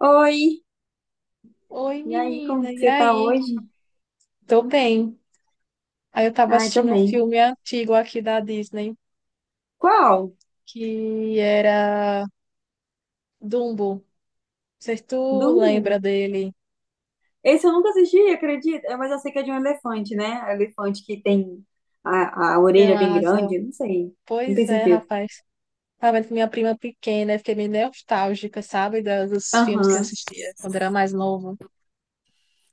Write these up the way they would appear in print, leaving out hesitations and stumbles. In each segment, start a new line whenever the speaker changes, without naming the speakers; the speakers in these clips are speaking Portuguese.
Oi,
Oi,
e aí,
menina,
como que
e
você tá
aí?
hoje?
Tô bem. Aí eu tava
Ai,
assistindo um
também.
filme antigo aqui da Disney,
Qual?
que era Dumbo. Não sei se
Do...
tu lembra
um?
dele,
Esse eu nunca assisti, acredita? É, mas eu sei que é de um elefante, né? É um elefante que tem a
que é...
orelha bem grande, não sei, não
Pois
tenho
é,
certeza.
rapaz. Tava vendo com minha prima pequena, eu fiquei meio nostálgica, sabe, dos filmes que eu
Aham.
assistia quando era mais novo.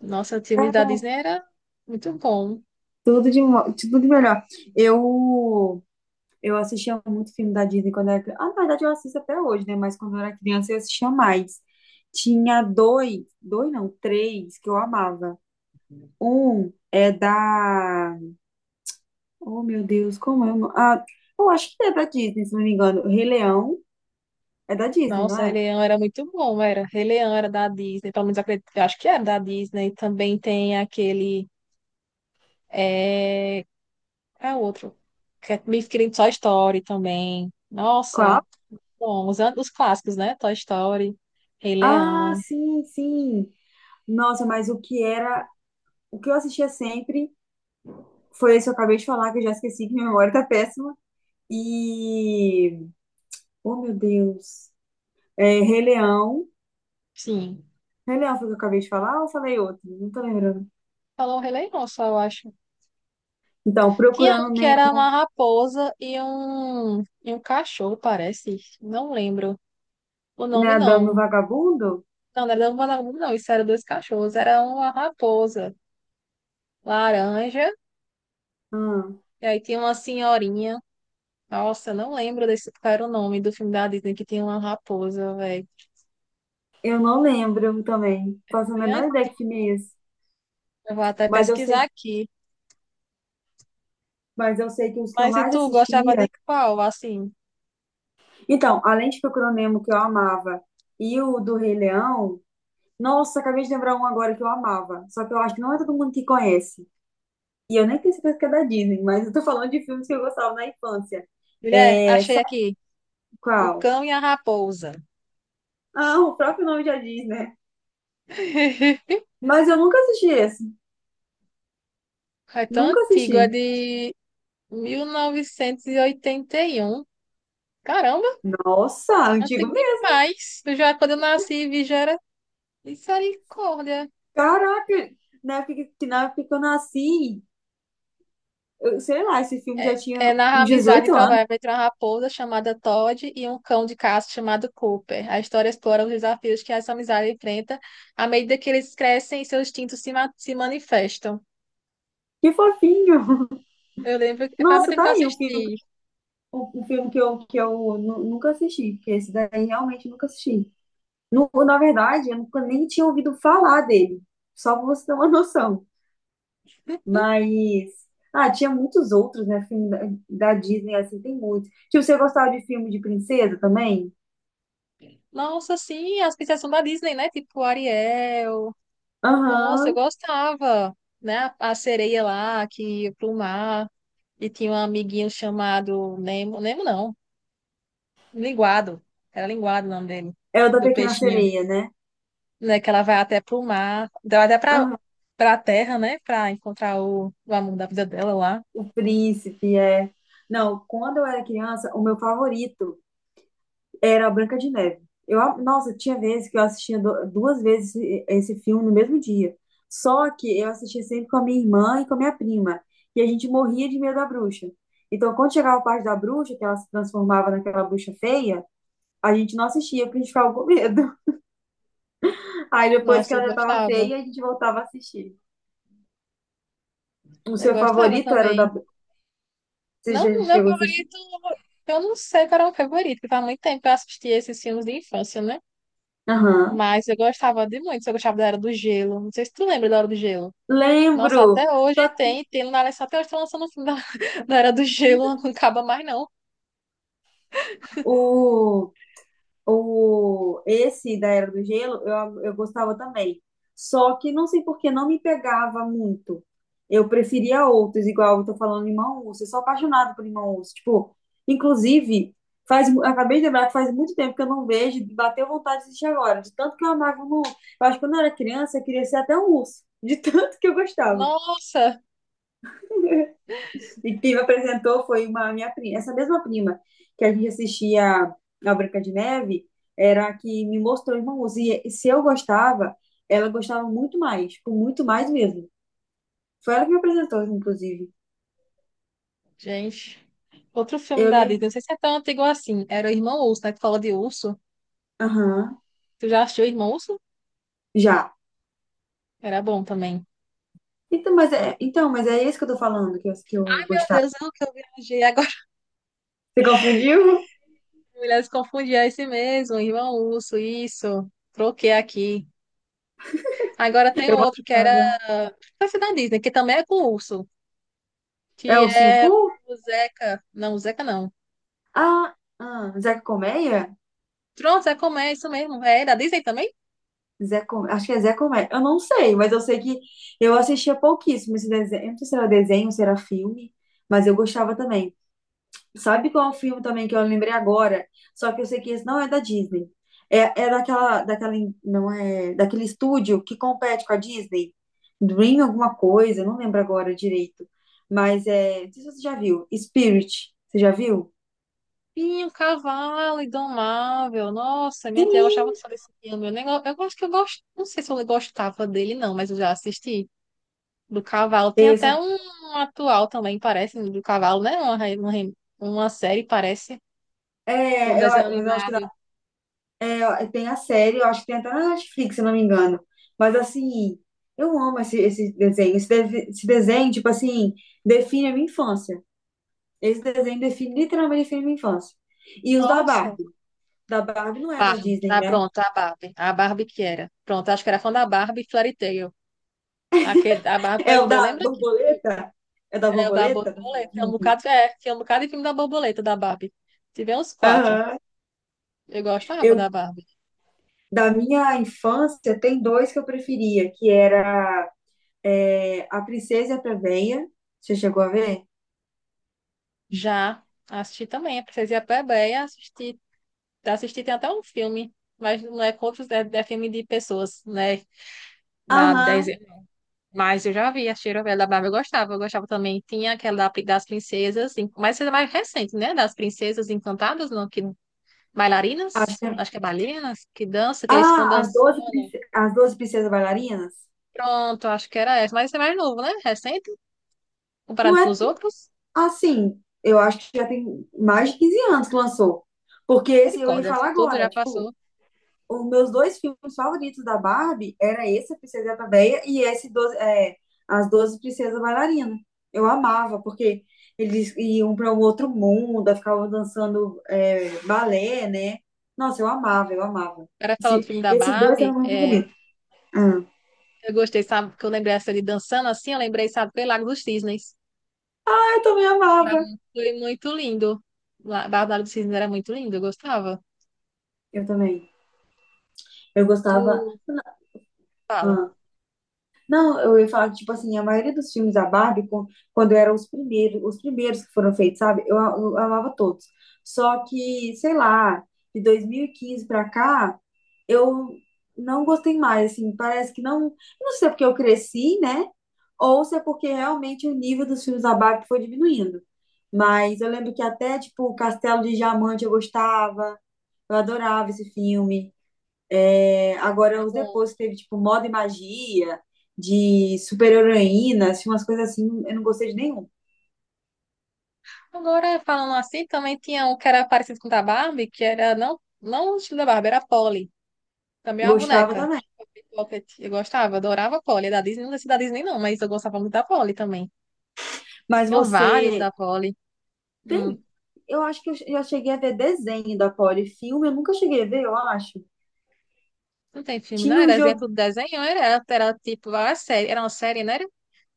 Nossa, os filmes da
Cara,
Disney era muito bom.
tudo de, tudo de melhor. Eu, assistia muito filme da Disney quando era criança. Ah, na verdade, eu assisto até hoje, né? Mas quando eu era criança, eu assistia mais. Tinha dois, dois não, três que eu amava. Um é da... Oh, meu Deus, como é o nome? Eu acho que é da Disney, se não me engano. O Rei Leão é da Disney, não
Nossa, Rei
é?
Leão era muito bom, era. Rei Leão era da Disney, pelo menos eu acredito, eu acho que era da Disney. Também tem aquele. eh, É outro. Que é meio querendo Toy Story também. Nossa,
Qual?
bom, os clássicos, né? Toy Story, Rei
Ah,
Leão.
sim, sim. Nossa, mas o que era, o que eu assistia sempre foi esse que eu acabei de falar, que eu já esqueci, que minha memória tá péssima. E, oh, meu Deus. É, Rei Leão.
Sim.
Rei Leão foi o que eu acabei de falar ou eu falei outro? Não tô lembrando.
Falou Rei Leão só, eu acho.
Então,
Tinha um
Procurando
que era uma raposa e um cachorro, parece. Não lembro o nome,
Nemo, no
não.
Vagabundo?
Não, não era vagabundo, não. Isso era dois cachorros. Era uma raposa laranja.
Hum,
E aí tinha uma senhorinha. Nossa, eu não lembro desse qual era o nome do filme da Disney que tinha uma raposa, velho.
eu não lembro também. Faço a menor ideia que filme é esse.
Eu vou até
Mas eu
pesquisar
sei
aqui.
Mas eu sei que os que eu
Mas e
mais
tu gostava
assistia.
de qual? Assim,
Então, além de Procurando Nemo, que eu amava, e o do Rei Leão. Nossa, acabei de lembrar um agora que eu amava. Só que eu acho que não é todo mundo que conhece. E eu nem tenho certeza que é da Disney, mas eu tô falando de filmes que eu gostava na infância.
mulher,
É.
achei aqui. O
Qual?
Cão e a Raposa.
Ah, o próprio nome já diz, né? Mas eu nunca assisti esse.
É tão
Nunca
antigo, é
assisti.
de 1981. Caramba,
Nossa, antigo
antigo
mesmo.
demais. Eu já, quando eu nasci, vi já era misericórdia.
Caraca, na época que na época que eu nasci, eu, sei lá, esse filme
É,
já tinha
é narra a
uns
amizade
18 anos.
improvável entre uma raposa chamada Todd e um cão de caça chamado Cooper. A história explora os desafios que essa amizade enfrenta à medida que eles crescem e seus instintos se manifestam.
Que fofinho.
Eu lembro, que faz muito
Nossa,
tempo
tá
que eu
aí um filme,
assisti.
o filme que eu, nunca assisti, porque esse daí realmente nunca assisti. Na verdade, eu nunca nem tinha ouvido falar dele, só pra você ter uma noção. Mas, ah, tinha muitos outros, né? Filme da, da Disney, assim, tem muitos. Tipo, você gostava de filme de princesa também?
Nossa, sim, as princesas da Disney, né? Tipo Ariel. Nossa,
Aham,
eu gostava, né? A sereia lá que ia pro mar e tinha um amiguinho chamado Nemo, Nemo não, Linguado. Era Linguado o nome dele,
é o da
do
Pequena
peixinho,
Sereia, né?
né? Que ela vai até pro mar, vai até pra,
Aham.
pra terra, né? Pra encontrar o amor da vida dela lá.
O Príncipe, é. Não, quando eu era criança, o meu favorito. Era a Branca de Neve. Eu, nossa, tinha vezes que eu assistia duas vezes esse, filme no mesmo dia. Só que eu assistia sempre com a minha irmã e com a minha prima. E a gente morria de medo da bruxa. Então, quando chegava a parte da bruxa, que ela se transformava naquela bruxa feia, a gente não assistia porque a gente ficava com medo. Aí depois que
Nossa, eu
ela já estava
gostava.
feia, a gente voltava a assistir. O
Eu
seu
gostava
favorito era o da.
também.
Você já
Não, meu
chegou a assistir?
favorito, eu não sei qual era o meu favorito, porque faz muito tempo que eu assisti esses filmes de infância, né?
Aham.
Mas eu gostava de muito, eu gostava da Era do Gelo. Não sei se tu lembra da Era do Gelo. Nossa,
Lembro!
até hoje
Só que
tem, tem na até hoje estão lançando o filme da, da Era do Gelo, não acaba mais não.
o. O, esse da Era do Gelo, eu, gostava também. Só que não sei por que não me pegava muito. Eu preferia outros, igual eu tô falando, Irmão Urso. Eu sou apaixonada por Irmão Urso. Tipo, inclusive, faz, acabei de lembrar que faz muito tempo que eu não vejo, e bateu vontade de assistir agora. De tanto que eu amava o Irmão Urso. Eu acho que quando eu era criança, eu queria ser até um urso. De tanto que eu gostava.
Nossa,
E quem me apresentou foi uma minha prima, essa mesma prima que a gente assistia a Branca de Neve, era a que me mostrou Irmãos. E se eu gostava, ela gostava muito mais, tipo, muito mais mesmo. Foi ela que me apresentou, inclusive.
gente. Outro filme
Eu
da
lembro.
Disney, não sei se é tão antigo assim. Era o Irmão Urso, né? Tu fala de urso.
Aham,
Tu já assistiu o Irmão Urso?
já.
Era bom também.
Então, mas é esse que eu tô falando, que eu,
Meu
gostava.
Deus, eu que eu viajei. Agora
Você confundiu?
mulheres confundiam é esse mesmo, Irmão Urso, isso. Troquei aqui. Agora tem
Eu
outro que era.
gostava.
Parece da Disney, que também é com urso.
É
Que
o Ursinho
é
Pooh?
o Zeca. Não, o Zeca não.
Ah, ah, Zeca Colmeia?
Pronto, é como é isso mesmo. É da Disney também?
Zé Com... Acho que é Zé Comé. Eu não sei, mas eu sei que eu assistia pouquíssimo esse desenho. Eu não sei se era desenho, se era filme, mas eu gostava também. Sabe qual é o filme também que eu lembrei agora? Só que eu sei que esse não é da Disney. É, é não é, daquele estúdio que compete com a Disney. Dream alguma coisa, não lembro agora direito. Mas é, não sei se você já viu. Spirit, você já viu?
Sim, o cavalo indomável. Nossa, minha tia gostava só desse filme. Eu, nem, eu gosto que eu gosto. Não sei se eu gostava dele, não, mas eu já assisti. Do cavalo. Tem até
Isso.
um atual também, parece, do cavalo, né? Uma série, parece, com um
É, eu,
desenho
mas eu acho que...
animado.
É, tem a série, eu acho que tem até na Netflix, se eu não me engano. Mas assim, eu amo esse, desenho. Esse, esse desenho, tipo assim, define a minha infância. Esse desenho define, literalmente define a minha infância. E os da
Nossa.
Barbie. Da Barbie não é da
Barbie.
Disney,
Ah,
né?
pronto, a Barbie. A Barbie que era. Pronto, acho que era fã da Barbie Fairy Tail. Aquele, a Barbie
É
Fairy
o
Tail.
da
Lembra que tinha...
borboleta? É da
É o da
borboleta? Da
borboleta. Tinha um
fadinha?
bocado, é, tinha um bocado de filme da borboleta da Barbie. Tive uns quatro.
Aham.
Eu gostava da
Eu,
Barbie.
da minha infância, tem dois que eu preferia, que era é, A Princesa e a Plebeia. Você chegou a ver?
Já assisti também, a Princesa e a Plebeia, assisti, assisti tem até um filme, mas não é contos, é, é filme de pessoas, né? Na 10,
Aham.
mas eu já vi, a Cheira da Barbie eu gostava também. Tinha aquela das princesas, em- mas essa é mais recente, né? Das princesas encantadas, não, que bailarinas, acho que é bailarinas, que dança, que eles ficam
Ah, as
dançando.
12 as 12 princesas bailarinas?
Pronto, acho que era essa, mas esse é mais novo, né? Recente.
Não
Comparado com
é
os outros,
assim. Eu acho que já tem mais de 15 anos que lançou. Porque esse eu ia
misericórdia, isso
falar
tudo já
agora. Tipo,
passou.
os meus dois filmes favoritos da Barbie era esse, A Princesa Véia, e esse 12 é, As Doze Princesas Bailarinas. Eu amava, porque eles iam para um outro mundo, ficavam dançando é, balé, né? Nossa, eu amava, eu amava.
Era falando do filme da
Esses dois eram
Barbie,
meus
é,
favoritos. Ah,
eu gostei, sabe, que eu lembrei essa de dançando assim, eu lembrei, sabe, foi Lago dos Cisnes.
eu também
Era,
amava.
foi muito lindo. Barbie do Lago dos Cisnes era muito lindo, eu gostava.
Eu também. Eu gostava.
Tu fala,
Ah, não, eu ia falar que, tipo assim, a maioria dos filmes da Barbie, quando eram os primeiros que foram feitos, sabe? Eu, eu amava todos. Só que, sei lá, de 2015 pra cá, eu não gostei mais, assim, parece que não. Não sei se é porque eu cresci, né? Ou se é porque realmente o nível dos filmes da Barbie foi diminuindo. Mas eu lembro que até, tipo, Castelo de Diamante eu gostava, eu adorava esse filme. É, agora,
tá
os
bom.
depois teve, tipo, Moda e Magia, de super-heroína, assim, umas coisas assim, eu não gostei de nenhum.
Agora, falando assim, também tinha um que era parecido com o da Barbie, que era, não, não o estilo da Barbie, era a Polly. Também é uma
Gostava
boneca.
também.
Polly Pocket. Eu gostava, adorava a Polly. É da Disney, não sei se é da Disney não, mas eu gostava muito da Polly também.
Mas
Tinham vários
você
da Polly. Hum.
tem. Eu acho que eu já cheguei a ver desenho da Polly. Filme, eu nunca cheguei a ver, eu acho.
Não tem filme, não?
Tinha um
Era
jogo.
exemplo do desenho, era, era tipo a série, era uma série, não era?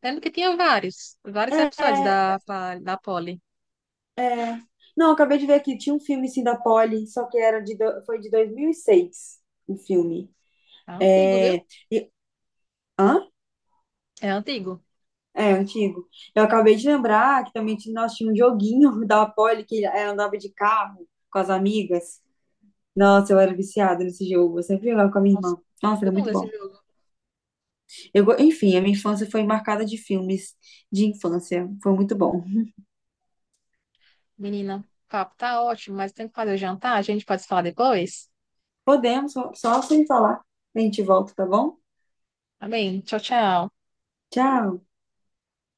Lembro que tinha vários, vários episódios
É,
da Polly.
não, eu acabei de ver aqui. Tinha um filme sim da Polly, só que era de... foi de 2006 o filme.
É antigo, viu?
É... E... Hã?
É antigo.
É, antigo. Eu acabei de lembrar que também tinha- nós tínhamos um joguinho da Polly que ela andava de carro com as amigas. Nossa, eu era viciada nesse jogo. Eu sempre jogava com a minha
Nossa,
irmã.
não
Nossa,
lembro
era
não
muito
desse
bom.
jogo.
Eu, enfim, a minha infância foi marcada de filmes de infância. Foi muito bom.
Menina, o papo tá ótimo, mas tem que fazer o jantar, a gente pode falar depois?
Podemos, só, só sem falar. A gente volta, tá bom?
Tá bem? Tchau, tchau.
Tchau.